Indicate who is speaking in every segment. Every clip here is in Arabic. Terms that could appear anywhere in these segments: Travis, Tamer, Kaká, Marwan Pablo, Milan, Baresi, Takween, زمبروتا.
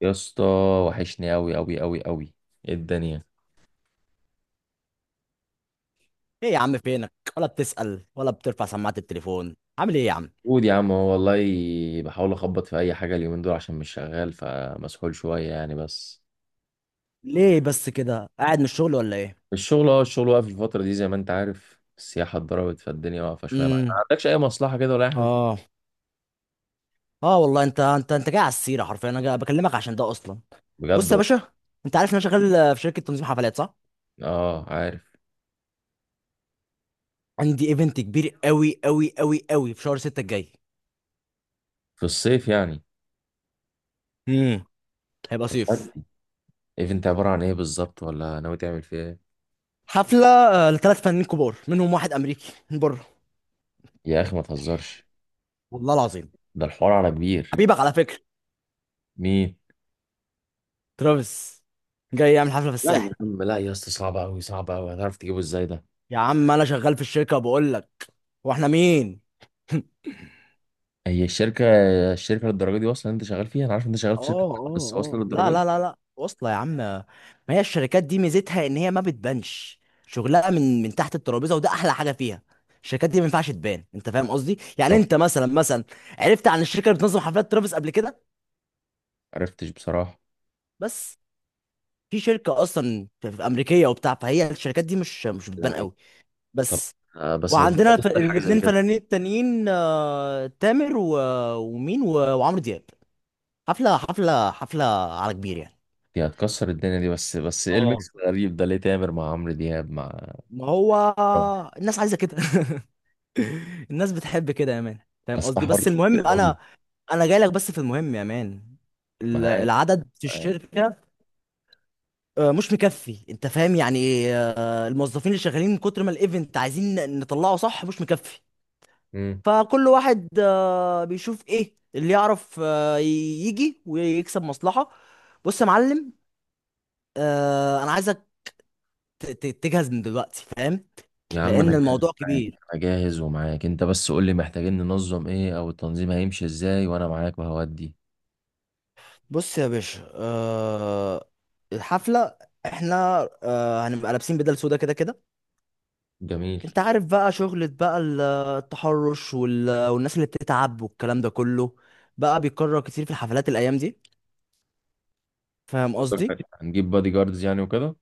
Speaker 1: يا اسطى، وحشني قوي قوي قوي قوي. ايه الدنيا؟
Speaker 2: ايه يا عم فينك؟ ولا بتسأل ولا بترفع سماعة التليفون؟ عامل ايه يا عم؟
Speaker 1: قول يا عم، هو والله بحاول اخبط في اي حاجه اليومين دول عشان مش شغال، فمسحول شويه يعني. بس
Speaker 2: ليه بس كده قاعد من الشغل ولا ايه؟
Speaker 1: الشغل، اه الشغل واقف الفتره دي، زي ما انت عارف السياحه اتضربت، فالدنيا واقفه شويه. ما
Speaker 2: امم.
Speaker 1: عندكش اي مصلحه كده ولا اي حاجه.
Speaker 2: اه. اه والله انت جاي على السيرة، حرفيا انا جاي بكلمك عشان ده اصلا. بص
Speaker 1: بجد
Speaker 2: يا
Speaker 1: والله.
Speaker 2: باشا، انت عارف ان انا شغال في شركة تنظيم حفلات، صح؟
Speaker 1: اه عارف.
Speaker 2: عندي ايفنت كبير قوي قوي قوي قوي في شهر 6 الجاي.
Speaker 1: في الصيف يعني؟
Speaker 2: امم. هيبقى
Speaker 1: طب ودي.
Speaker 2: صيف.
Speaker 1: ايفنت عباره عن ايه بالظبط؟ ولا ناوي تعمل فيه ايه؟
Speaker 2: حفلة لثلاث فنانين كبار، منهم واحد امريكي من بره.
Speaker 1: يا اخي ما تهزرش،
Speaker 2: والله العظيم.
Speaker 1: ده الحوار على كبير.
Speaker 2: حبيبك على فكرة.
Speaker 1: مين؟
Speaker 2: ترافيس جاي يعمل حفلة في
Speaker 1: لا يا
Speaker 2: الساحل.
Speaker 1: عم، لا يا اسطى، صعب قوي صعب قوي، هتعرف تجيبه ازاي ده؟
Speaker 2: يا عم انا شغال في الشركه بقول لك، واحنا مين؟ اه.
Speaker 1: هي الشركة الشركة للدرجة دي واصلة إن أنت شغال فيها؟ أنا عارف إن أنت شغال في شركة،
Speaker 2: اه
Speaker 1: بس واصلة
Speaker 2: اه، لا
Speaker 1: للدرجة دي؟
Speaker 2: لا لا لا، واصله يا عم ما. هي الشركات دي ميزتها ان هي ما بتبانش، شغلها من تحت الترابيزه، وده احلى حاجه فيها. الشركات دي ما ينفعش تبان، انت فاهم قصدي، يعني
Speaker 1: طب.
Speaker 2: انت مثلا مثلا عرفت عن الشركه اللي بتنظم حفلات ترافيس قبل كده؟
Speaker 1: معرفتش بصراحة.
Speaker 2: بس. في شركه اصلا، في امريكيه وبتاع، فهي الشركات دي مش بتبان
Speaker 1: لعيب.
Speaker 2: قوي.
Speaker 1: طب
Speaker 2: بس.
Speaker 1: آه، بس
Speaker 2: وعندنا
Speaker 1: هتظبطوا ازاي حاجه زي
Speaker 2: الاثنين
Speaker 1: كده؟
Speaker 2: فنانين التانيين، تامر ومين وعمرو دياب. حفله حفله حفله، على كبير يعني.
Speaker 1: دي هتكسر الدنيا دي، بس بس إيه
Speaker 2: اه،
Speaker 1: الميكس الغريب ده ليه؟ تامر مع عمرو دياب مع
Speaker 2: ما هو
Speaker 1: آه.
Speaker 2: الناس عايزه كده. الناس بتحب كده يا مان، فاهم
Speaker 1: بس ده
Speaker 2: قصدي،
Speaker 1: حوار
Speaker 2: بس
Speaker 1: كبير
Speaker 2: المهم
Speaker 1: قوي.
Speaker 2: انا، انا جاي لك بس في المهم يا مان.
Speaker 1: معاك،
Speaker 2: العدد في
Speaker 1: معاك.
Speaker 2: الشركه مش مكفي، انت فاهم يعني. الموظفين اللي شغالين، من كتر ما الايفنت عايزين نطلعه صح، مش مكفي.
Speaker 1: مم.
Speaker 2: فكل واحد بيشوف ايه اللي يعرف يجي ويكسب مصلحه. بص يا معلم، انا عايزك تجهز من دلوقتي، فاهم.
Speaker 1: يا عم أنا
Speaker 2: لان
Speaker 1: جاهز
Speaker 2: الموضوع
Speaker 1: معاك.
Speaker 2: كبير.
Speaker 1: أنا جاهز ومعاك أنت، بس قول لي محتاجين ننظم إيه، أو التنظيم هيمشي إزاي، وأنا معاك وهودي.
Speaker 2: بص يا باشا، الحفله، احنا هنبقى لابسين بدل سودا كده كده.
Speaker 1: جميل.
Speaker 2: انت عارف بقى، شغلة بقى التحرش والناس اللي بتتعب والكلام ده كله بقى بيتكرر كتير في الحفلات الايام دي، فاهم قصدي.
Speaker 1: هنجيب بادي جاردز يعني وكده؟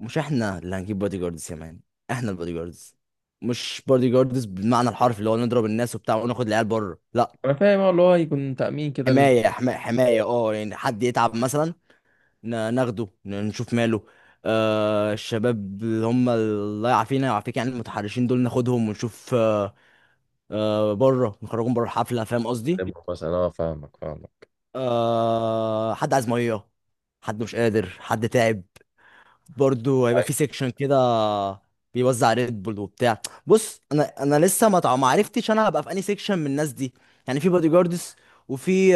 Speaker 2: مش احنا اللي هنجيب بادي جاردز يا مان، احنا البادي جاردز. مش بادي جاردز بالمعنى الحرفي اللي هو نضرب الناس وبتاع وناخد العيال بره، لا.
Speaker 1: أنا فاهم، أه اللي هو يكون تأمين كده.
Speaker 2: حمايه، حمايه اه يعني، حد يتعب مثلا ناخده نشوف ماله. الشباب اللي هم الله يعافينا يعافيك، يعني المتحرشين دول ناخدهم ونشوف. بره، نخرجهم بره الحفله، فاهم قصدي.
Speaker 1: لمه مثلا، اه فاهمك فاهمك.
Speaker 2: حد عايز ميه، حد مش قادر، حد تعب، برضو هيبقى في
Speaker 1: أيوة.
Speaker 2: سيكشن كده بيوزع ريد بول وبتاع. بص، انا لسه ما عرفتش انا هبقى في انهي سيكشن من الناس دي، يعني في بادي جاردز، وفي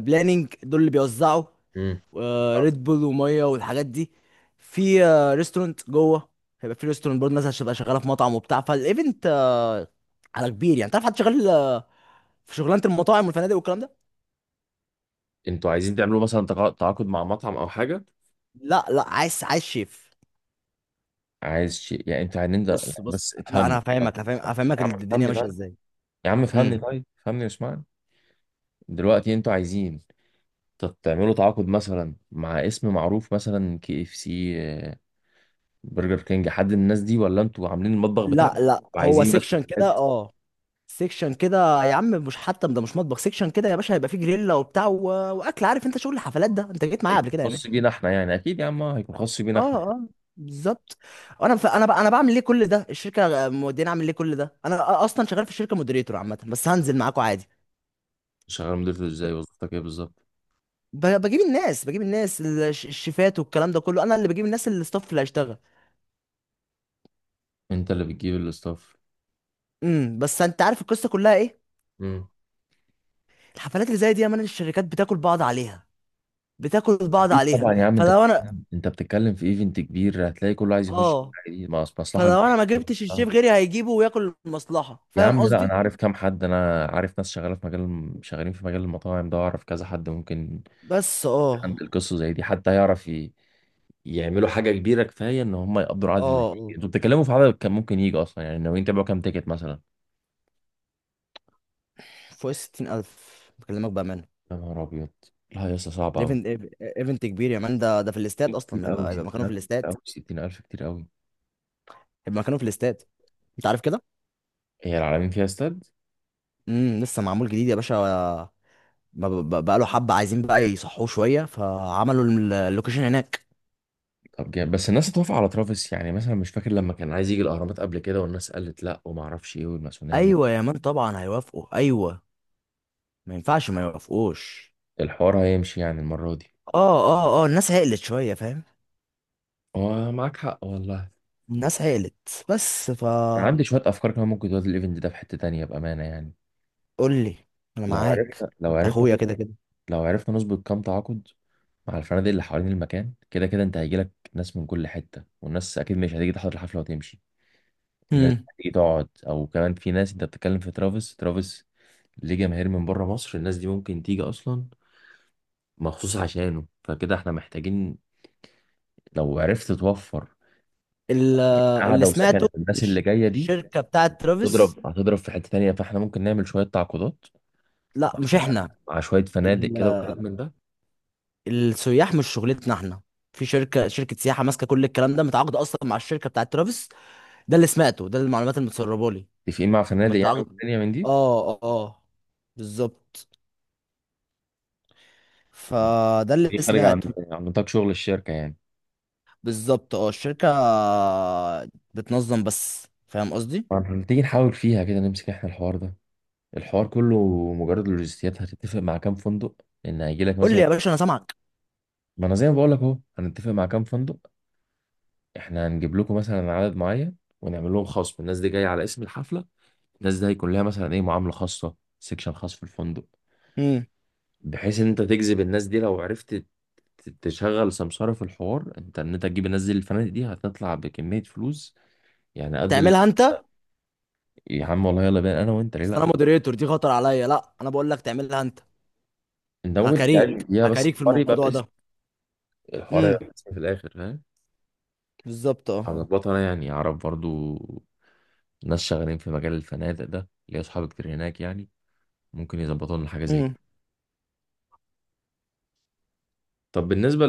Speaker 2: بلاننج دول اللي بيوزعوا
Speaker 1: امم، فاهمك.
Speaker 2: ريد بول وميه والحاجات دي. في ريستورانت جوه. هيبقى في ريستورانت برضه، الناس هتبقى شغاله في مطعم وبتاع، فالايفنت على كبير يعني. تعرف حد شغال في شغلانه المطاعم والفنادق والكلام ده؟
Speaker 1: انتوا عايزين تعملوا مثلا تعاقد مع مطعم او حاجه؟
Speaker 2: لا لا، عايز شيف.
Speaker 1: عايز شيء يعني انت، هننزل
Speaker 2: بص
Speaker 1: يعني،
Speaker 2: بص،
Speaker 1: بس
Speaker 2: انا
Speaker 1: افهمني
Speaker 2: انا
Speaker 1: افهمني.
Speaker 2: هفهمك
Speaker 1: يا عم
Speaker 2: الدنيا
Speaker 1: افهمني
Speaker 2: ماشيه
Speaker 1: طيب.
Speaker 2: ازاي.
Speaker 1: يا عم افهمني
Speaker 2: امم.
Speaker 1: طيب، افهمني واسمعني. دلوقتي انتوا عايزين تعملوا تعاقد مثلا مع اسم معروف، مثلا كي اف سي آه، برجر كينج، حد من الناس دي؟ ولا انتوا عاملين المطبخ
Speaker 2: لا
Speaker 1: بتاعكم
Speaker 2: لا، هو
Speaker 1: وعايزين بس
Speaker 2: سيكشن كده
Speaker 1: حاجات
Speaker 2: اه. سيكشن كده يا عم، مش حتى، ده مش مطبخ، سيكشن كده يا باشا، هيبقى فيه جريلا وبتاع واكل، عارف انت شغل الحفلات ده، انت جيت معايا
Speaker 1: هيكون
Speaker 2: قبل كده يا مان.
Speaker 1: خاص بينا احنا يعني؟ اكيد يا عم، آه هيكون خاص
Speaker 2: اه
Speaker 1: بينا احنا.
Speaker 2: اه، بالظبط. انا ف... انا ب... انا بعمل ليه كل ده؟ الشركه موديني اعمل ليه كل ده؟ انا اصلا شغال في الشركه مودريتور عامه، بس هنزل معاكم عادي.
Speaker 1: شغال مديرته ازاي؟ وظيفتك ايه بالظبط؟
Speaker 2: بجيب الناس، الشيفات والكلام ده كله، انا اللي بجيب الناس، اللي الستاف اللي هيشتغل.
Speaker 1: انت اللي بتجيب الاستاف.
Speaker 2: امم، بس انت عارف القصه كلها ايه؟ الحفلات اللي زي دي يا مان الشركات بتاكل بعض عليها، بتاكل بعض
Speaker 1: اكيد
Speaker 2: عليها.
Speaker 1: طبعا يا عم، انت
Speaker 2: فلو انا،
Speaker 1: بتتكلم، انت بتتكلم في ايفنت كبير، هتلاقي كله عايز يخش في
Speaker 2: اه،
Speaker 1: الحاجه دي، مصلحه
Speaker 2: فلو انا
Speaker 1: كبيره.
Speaker 2: ما جبتش الشيف غيري هيجيبه وياكل المصلحه،
Speaker 1: يا
Speaker 2: فاهم
Speaker 1: عم لا، انا
Speaker 2: قصدي.
Speaker 1: عارف كام حد، انا عارف ناس شغاله في مجال، شغالين في مجال المطاعم ده، اعرف كذا حد ممكن
Speaker 2: بس.
Speaker 1: عند
Speaker 2: اه
Speaker 1: القصه زي دي حتى يعرف ي... يعملوا حاجه كبيره كفايه ان هم يقدروا
Speaker 2: اه.
Speaker 1: العدد اللي
Speaker 2: آه.
Speaker 1: هيجي. انتوا بتتكلموا في عدد كان ممكن يجي اصلا، يعني ناويين تعملوا كام تيكت مثلا؟
Speaker 2: فوق 60,000 بكلمك بأمانة.
Speaker 1: يا نهار ابيض. لا يا اسطى، صعبه قوي.
Speaker 2: ايفنت، ايفنت كبير يا مان، ده في الاستاد
Speaker 1: كتير
Speaker 2: اصلا،
Speaker 1: قوي
Speaker 2: هيبقى مكانه في
Speaker 1: 60,000،
Speaker 2: الاستاد.
Speaker 1: كتير قوي 60,000، كتير قوي.
Speaker 2: هيبقى مكانه في الاستاد، انت عارف كده.
Speaker 1: هي العالمين فيها استاد؟
Speaker 2: امم، لسه معمول جديد يا باشا، بقى له حبه، عايزين بقى يصحوه شويه، فعملوا اللوكيشن هناك.
Speaker 1: طب جامد، بس الناس اتوافق على ترافيس يعني؟ مثلا مش فاكر لما كان عايز يجي الاهرامات قبل كده، والناس قالت لا، وما اعرفش ايه والماسونيه.
Speaker 2: ايوه يا مان، طبعا هيوافقوا، ايوه ما ينفعش ما يوافقوش.
Speaker 1: الحوار هيمشي يعني المره دي؟
Speaker 2: اه اه اه، الناس عقلت شويه، فاهم.
Speaker 1: هو معاك حق والله.
Speaker 2: الناس عقلت، بس
Speaker 1: أنا
Speaker 2: فا
Speaker 1: عندي شويه افكار كمان ممكن تودي الايفنت ده في حته تانية بامانه يعني.
Speaker 2: قول لي، انا
Speaker 1: لو
Speaker 2: معاك،
Speaker 1: عرفنا لو
Speaker 2: انت
Speaker 1: عرفنا
Speaker 2: اخويا كده كده.
Speaker 1: لو عرفنا نظبط كام تعاقد مع الفنادق اللي حوالين المكان، كده كده انت هيجيلك ناس من كل حته، والناس اكيد مش هتيجي تحضر الحفله وتمشي. الناس
Speaker 2: امم.
Speaker 1: هتيجي تقعد. او كمان في ناس، انت بتتكلم في ترافيس، ترافيس ليه جماهير من بره مصر، الناس دي ممكن تيجي اصلا مخصوص عشانه. فكده احنا محتاجين، لو عرفت توفر
Speaker 2: اللي
Speaker 1: قعدة وسكن
Speaker 2: سمعته،
Speaker 1: للناس اللي جاية دي،
Speaker 2: الشركه بتاعت ترافيس،
Speaker 1: تضرب هتضرب في حتة تانية. فاحنا ممكن نعمل شوية تعاقدات
Speaker 2: لا
Speaker 1: مع
Speaker 2: مش احنا،
Speaker 1: شوية فنادق كده وكلام من ده.
Speaker 2: السياح مش شغلتنا احنا، في شركه، سياحه ماسكه كل الكلام ده، متعاقده اصلا مع الشركه بتاعت ترافيس، ده اللي سمعته، ده المعلومات اللي متسربه لي.
Speaker 1: متفقين مع فنادق يعني
Speaker 2: متعاقد،
Speaker 1: والدنيا من دي؟
Speaker 2: اه اه، بالظبط. فده اللي
Speaker 1: دي خارج عن
Speaker 2: سمعته.
Speaker 1: نطاق شغل الشركة يعني.
Speaker 2: بالظبط، اه، الشركه بتنظم بس، فاهم قصدي.
Speaker 1: فاحنا هنيجي نحاول فيها كده، نمسك احنا الحوار ده، الحوار كله. مجرد اللوجستيات هتتفق مع كام فندق ان هيجي لك
Speaker 2: قول لي
Speaker 1: مثلا.
Speaker 2: يا باشا، انا سامعك.
Speaker 1: ما انا زي ما بقول لك اهو، هنتفق مع كام فندق، احنا هنجيب لكم مثلا عدد معين، ونعمل لهم خصم. الناس دي جايه على اسم الحفله، الناس دي هيكون لها مثلا ايه، معاملة خاصة، سيكشن خاص في الفندق،
Speaker 2: امم.
Speaker 1: بحيث ان انت تجذب الناس دي. لو عرفت تشغل سمسارة في الحوار انت، ان انت تجيب الناس دي للفنادق دي، هتطلع بكمية فلوس يعني قد ال...
Speaker 2: تعملها انت؟
Speaker 1: يا عم والله يلا بينا انا وانت، ليه
Speaker 2: بس
Speaker 1: لا؟
Speaker 2: انا مودريتور، دي خطر عليا، لا انا بقول لك تعملها انت.
Speaker 1: انت ممكن تساعدني
Speaker 2: هكاريك
Speaker 1: فيها، بس
Speaker 2: هكاريك في
Speaker 1: الحوار يبقى
Speaker 2: الموضوع
Speaker 1: باسم،
Speaker 2: ده.
Speaker 1: الحوار
Speaker 2: امم،
Speaker 1: يبقى باسم في الاخر، فاهم؟
Speaker 2: بالظبط
Speaker 1: هظبطها انا يعني، اعرف برضو ناس شغالين في مجال الفنادق ده، ليا اصحاب كتير هناك يعني، ممكن يظبطوا لنا حاجة زي
Speaker 2: اه.
Speaker 1: كده. طب بالنسبة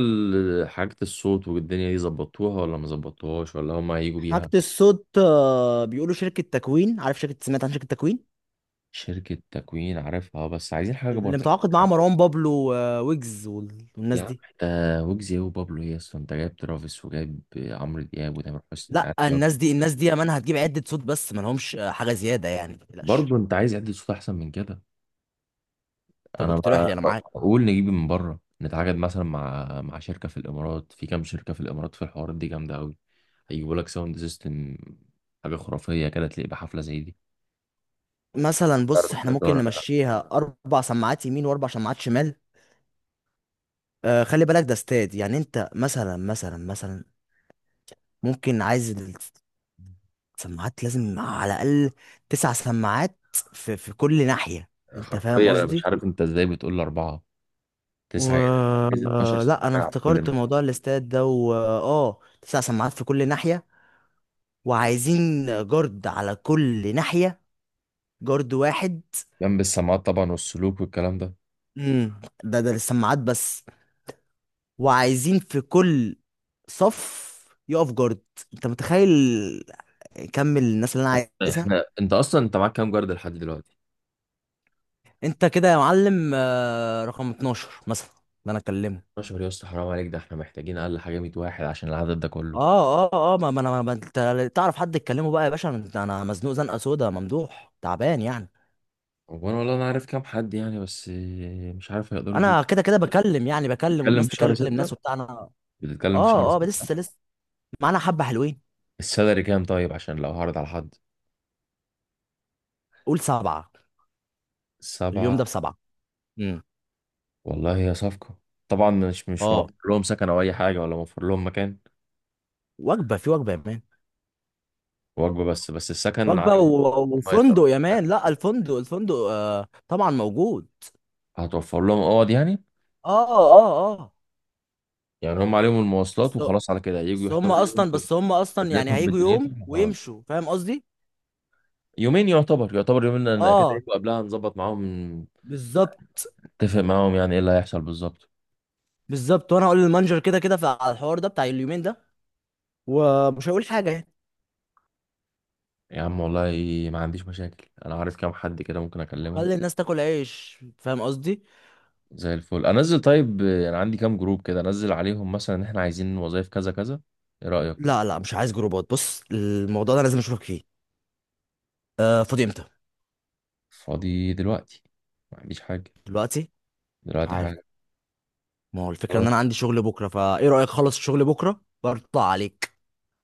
Speaker 1: لحاجة الصوت والدنيا دي، ظبطوها ولا ما ظبطوهاش؟ ولا هما هيجوا
Speaker 2: حاجة
Speaker 1: بيها؟
Speaker 2: الصوت، بيقولوا شركة تكوين، عارف شركة، سمعت عن شركة تكوين،
Speaker 1: شركة تكوين عارفها آه، بس عايزين حاجة بره.
Speaker 2: اللي متعاقد معاها مروان بابلو وويجز
Speaker 1: يا
Speaker 2: والناس
Speaker 1: عم
Speaker 2: دي.
Speaker 1: انت، ويجز إيه وبابلو ايه اصلا، انت جايب ترافيس وجايب عمرو دياب وتامر حسني انت؟
Speaker 2: لا،
Speaker 1: عارف،
Speaker 2: الناس دي الناس دي يا مان هتجيب عدة صوت بس، ما لهمش حاجة زيادة يعني، ما تقلقش.
Speaker 1: برضه انت عايز عدة صوت احسن من كده.
Speaker 2: طب
Speaker 1: انا
Speaker 2: اقترح
Speaker 1: ب-
Speaker 2: لي، انا معاك.
Speaker 1: بقول نجيب من بره، نتعاقد مثلا مع شركة في الامارات، في كام شركة في الامارات في الحوارات دي جامدة قوي، هيجيبوا لك ساوند سيستم حاجة خرافية كده، تلاقي بحفلة زي دي.
Speaker 2: مثلا بص، احنا
Speaker 1: لا
Speaker 2: ممكن
Speaker 1: دارك.
Speaker 2: نمشيها اربع سماعات يمين واربع سماعات شمال. خلي بالك ده استاد، يعني انت مثلا مثلا مثلا ممكن عايز، السماعات لازم على الاقل تسع سماعات في كل ناحية، انت فاهم
Speaker 1: حرفيا انا مش
Speaker 2: قصدي.
Speaker 1: عارف انت ازاي بتقول اربعه،
Speaker 2: و
Speaker 1: تسعه ايه؟ ده عايز 12 سنه
Speaker 2: لا انا
Speaker 1: على كلنا.
Speaker 2: افتكرت موضوع الاستاد ده و تسع سماعات في كل ناحية، وعايزين جارد على كل ناحية، جارد واحد.
Speaker 1: جنب السماعات طبعا، والسلوك والكلام ده.
Speaker 2: امم، ده للسماعات بس، وعايزين في كل صف يقف جارد. انت متخيل كم الناس اللي انا عايزها؟
Speaker 1: احنا، انت اصلا انت معاك كام جارد لحد دلوقتي؟
Speaker 2: انت كده يا معلم، رقم 12 مثلا، ده انا اكلمه.
Speaker 1: 12 يا اسطى، حرام عليك، ده احنا محتاجين اقل حاجه 100 واحد عشان العدد ده كله.
Speaker 2: اه اه اه، ما ما انا ما ما- انت تعرف حد تكلمه بقى يا باشا؟ انا مزنوق زنقه سودا ممدوح، تعبان يعني.
Speaker 1: وانا والله، انا عارف كام حد يعني، بس مش عارف هيقدروا يدوس.
Speaker 2: انا كده كده بكلم، يعني بكلم
Speaker 1: بتتكلم
Speaker 2: والناس
Speaker 1: في شهر
Speaker 2: تكلم
Speaker 1: 6،
Speaker 2: ناس وبتاع انا.
Speaker 1: بتتكلم في شهر
Speaker 2: اه اه،
Speaker 1: 6.
Speaker 2: لسه لسه معانا حبه حلوين.
Speaker 1: السالري كام طيب، عشان لو هعرض على حد؟
Speaker 2: قول سبعه.
Speaker 1: سبعة؟
Speaker 2: اليوم ده بسبعه. امم،
Speaker 1: والله هي صفقة. طبعا مش مش
Speaker 2: اه.
Speaker 1: موفر لهم سكن او اي حاجة، ولا موفر لهم مكان؟
Speaker 2: وجبه في وجبه يا مان.
Speaker 1: وجبة بس، بس السكن
Speaker 2: وجبه
Speaker 1: عليهم.
Speaker 2: وفندق يا مان، لا الفندق طبعا موجود.
Speaker 1: هتوفر لهم اوض يعني؟
Speaker 2: اه اه اه.
Speaker 1: يعني هم عليهم المواصلات
Speaker 2: بس
Speaker 1: وخلاص، على كده يجوا يحضروا اليوم.
Speaker 2: بس هم اصلا يعني
Speaker 1: بدلتهم
Speaker 2: هيجوا يوم
Speaker 1: بدنيتهم وخلاص.
Speaker 2: ويمشوا، فاهم قصدي.
Speaker 1: يومين يعتبر، يعتبر يومين، لان اكيد
Speaker 2: اه
Speaker 1: هيجوا قبلها نظبط معاهم،
Speaker 2: بالظبط.
Speaker 1: نتفق معاهم يعني ايه اللي هيحصل بالظبط.
Speaker 2: بالظبط، وانا هقول للمانجر كده كده على الحوار ده بتاع اليومين ده، ومش هقول حاجه يعني.
Speaker 1: يا عم والله ما عنديش مشاكل، انا عارف كام حد كده ممكن اكلمهم.
Speaker 2: وخلي الناس تاكل عيش، فاهم قصدي.
Speaker 1: زي الفل. انزل طيب، انا عندي كام جروب كده، انزل عليهم مثلا ان احنا عايزين وظايف كذا كذا، ايه رأيك؟
Speaker 2: لا لا، مش عايز جروبات، بص الموضوع ده لازم اشوفك فيه. فاضي امتى؟
Speaker 1: فاضي دلوقتي، ما عنديش حاجة.
Speaker 2: دلوقتي؟ مش
Speaker 1: دلوقتي
Speaker 2: عارف،
Speaker 1: حاجة،
Speaker 2: ما هو الفكره ان
Speaker 1: خلاص،
Speaker 2: انا عندي شغل بكره، فايه رايك خلص الشغل بكره برطع عليك.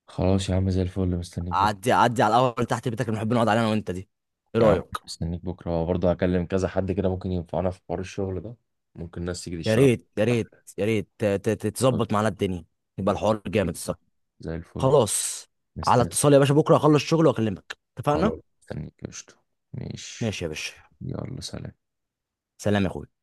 Speaker 1: خلاص يا عم زي الفل، مستنيك بكرة.
Speaker 2: اعدي اعدي على القهوه اللي تحت بيتك اللي بنحب نقعد عليها انا وانت دي، ايه
Speaker 1: يا عم
Speaker 2: رايك؟
Speaker 1: مستنيك بكرة، برضه هكلم كذا حد كده ممكن ينفعنا في حوار الشغل ده، ممكن ناس تيجي
Speaker 2: يا
Speaker 1: تشتغل.
Speaker 2: ريت يا ريت يا ريت تظبط معانا الدنيا، يبقى الحوار جامد الصراحه.
Speaker 1: زي الفل.
Speaker 2: خلاص. على
Speaker 1: مستنيك.
Speaker 2: اتصال يا باشا، بكره اخلص شغل واكلمك،
Speaker 1: خلاص
Speaker 2: اتفقنا.
Speaker 1: مستنيك، قشطة. ماشي.
Speaker 2: ماشي يا باشا.
Speaker 1: يلا سلام.
Speaker 2: سلام يا اخويا.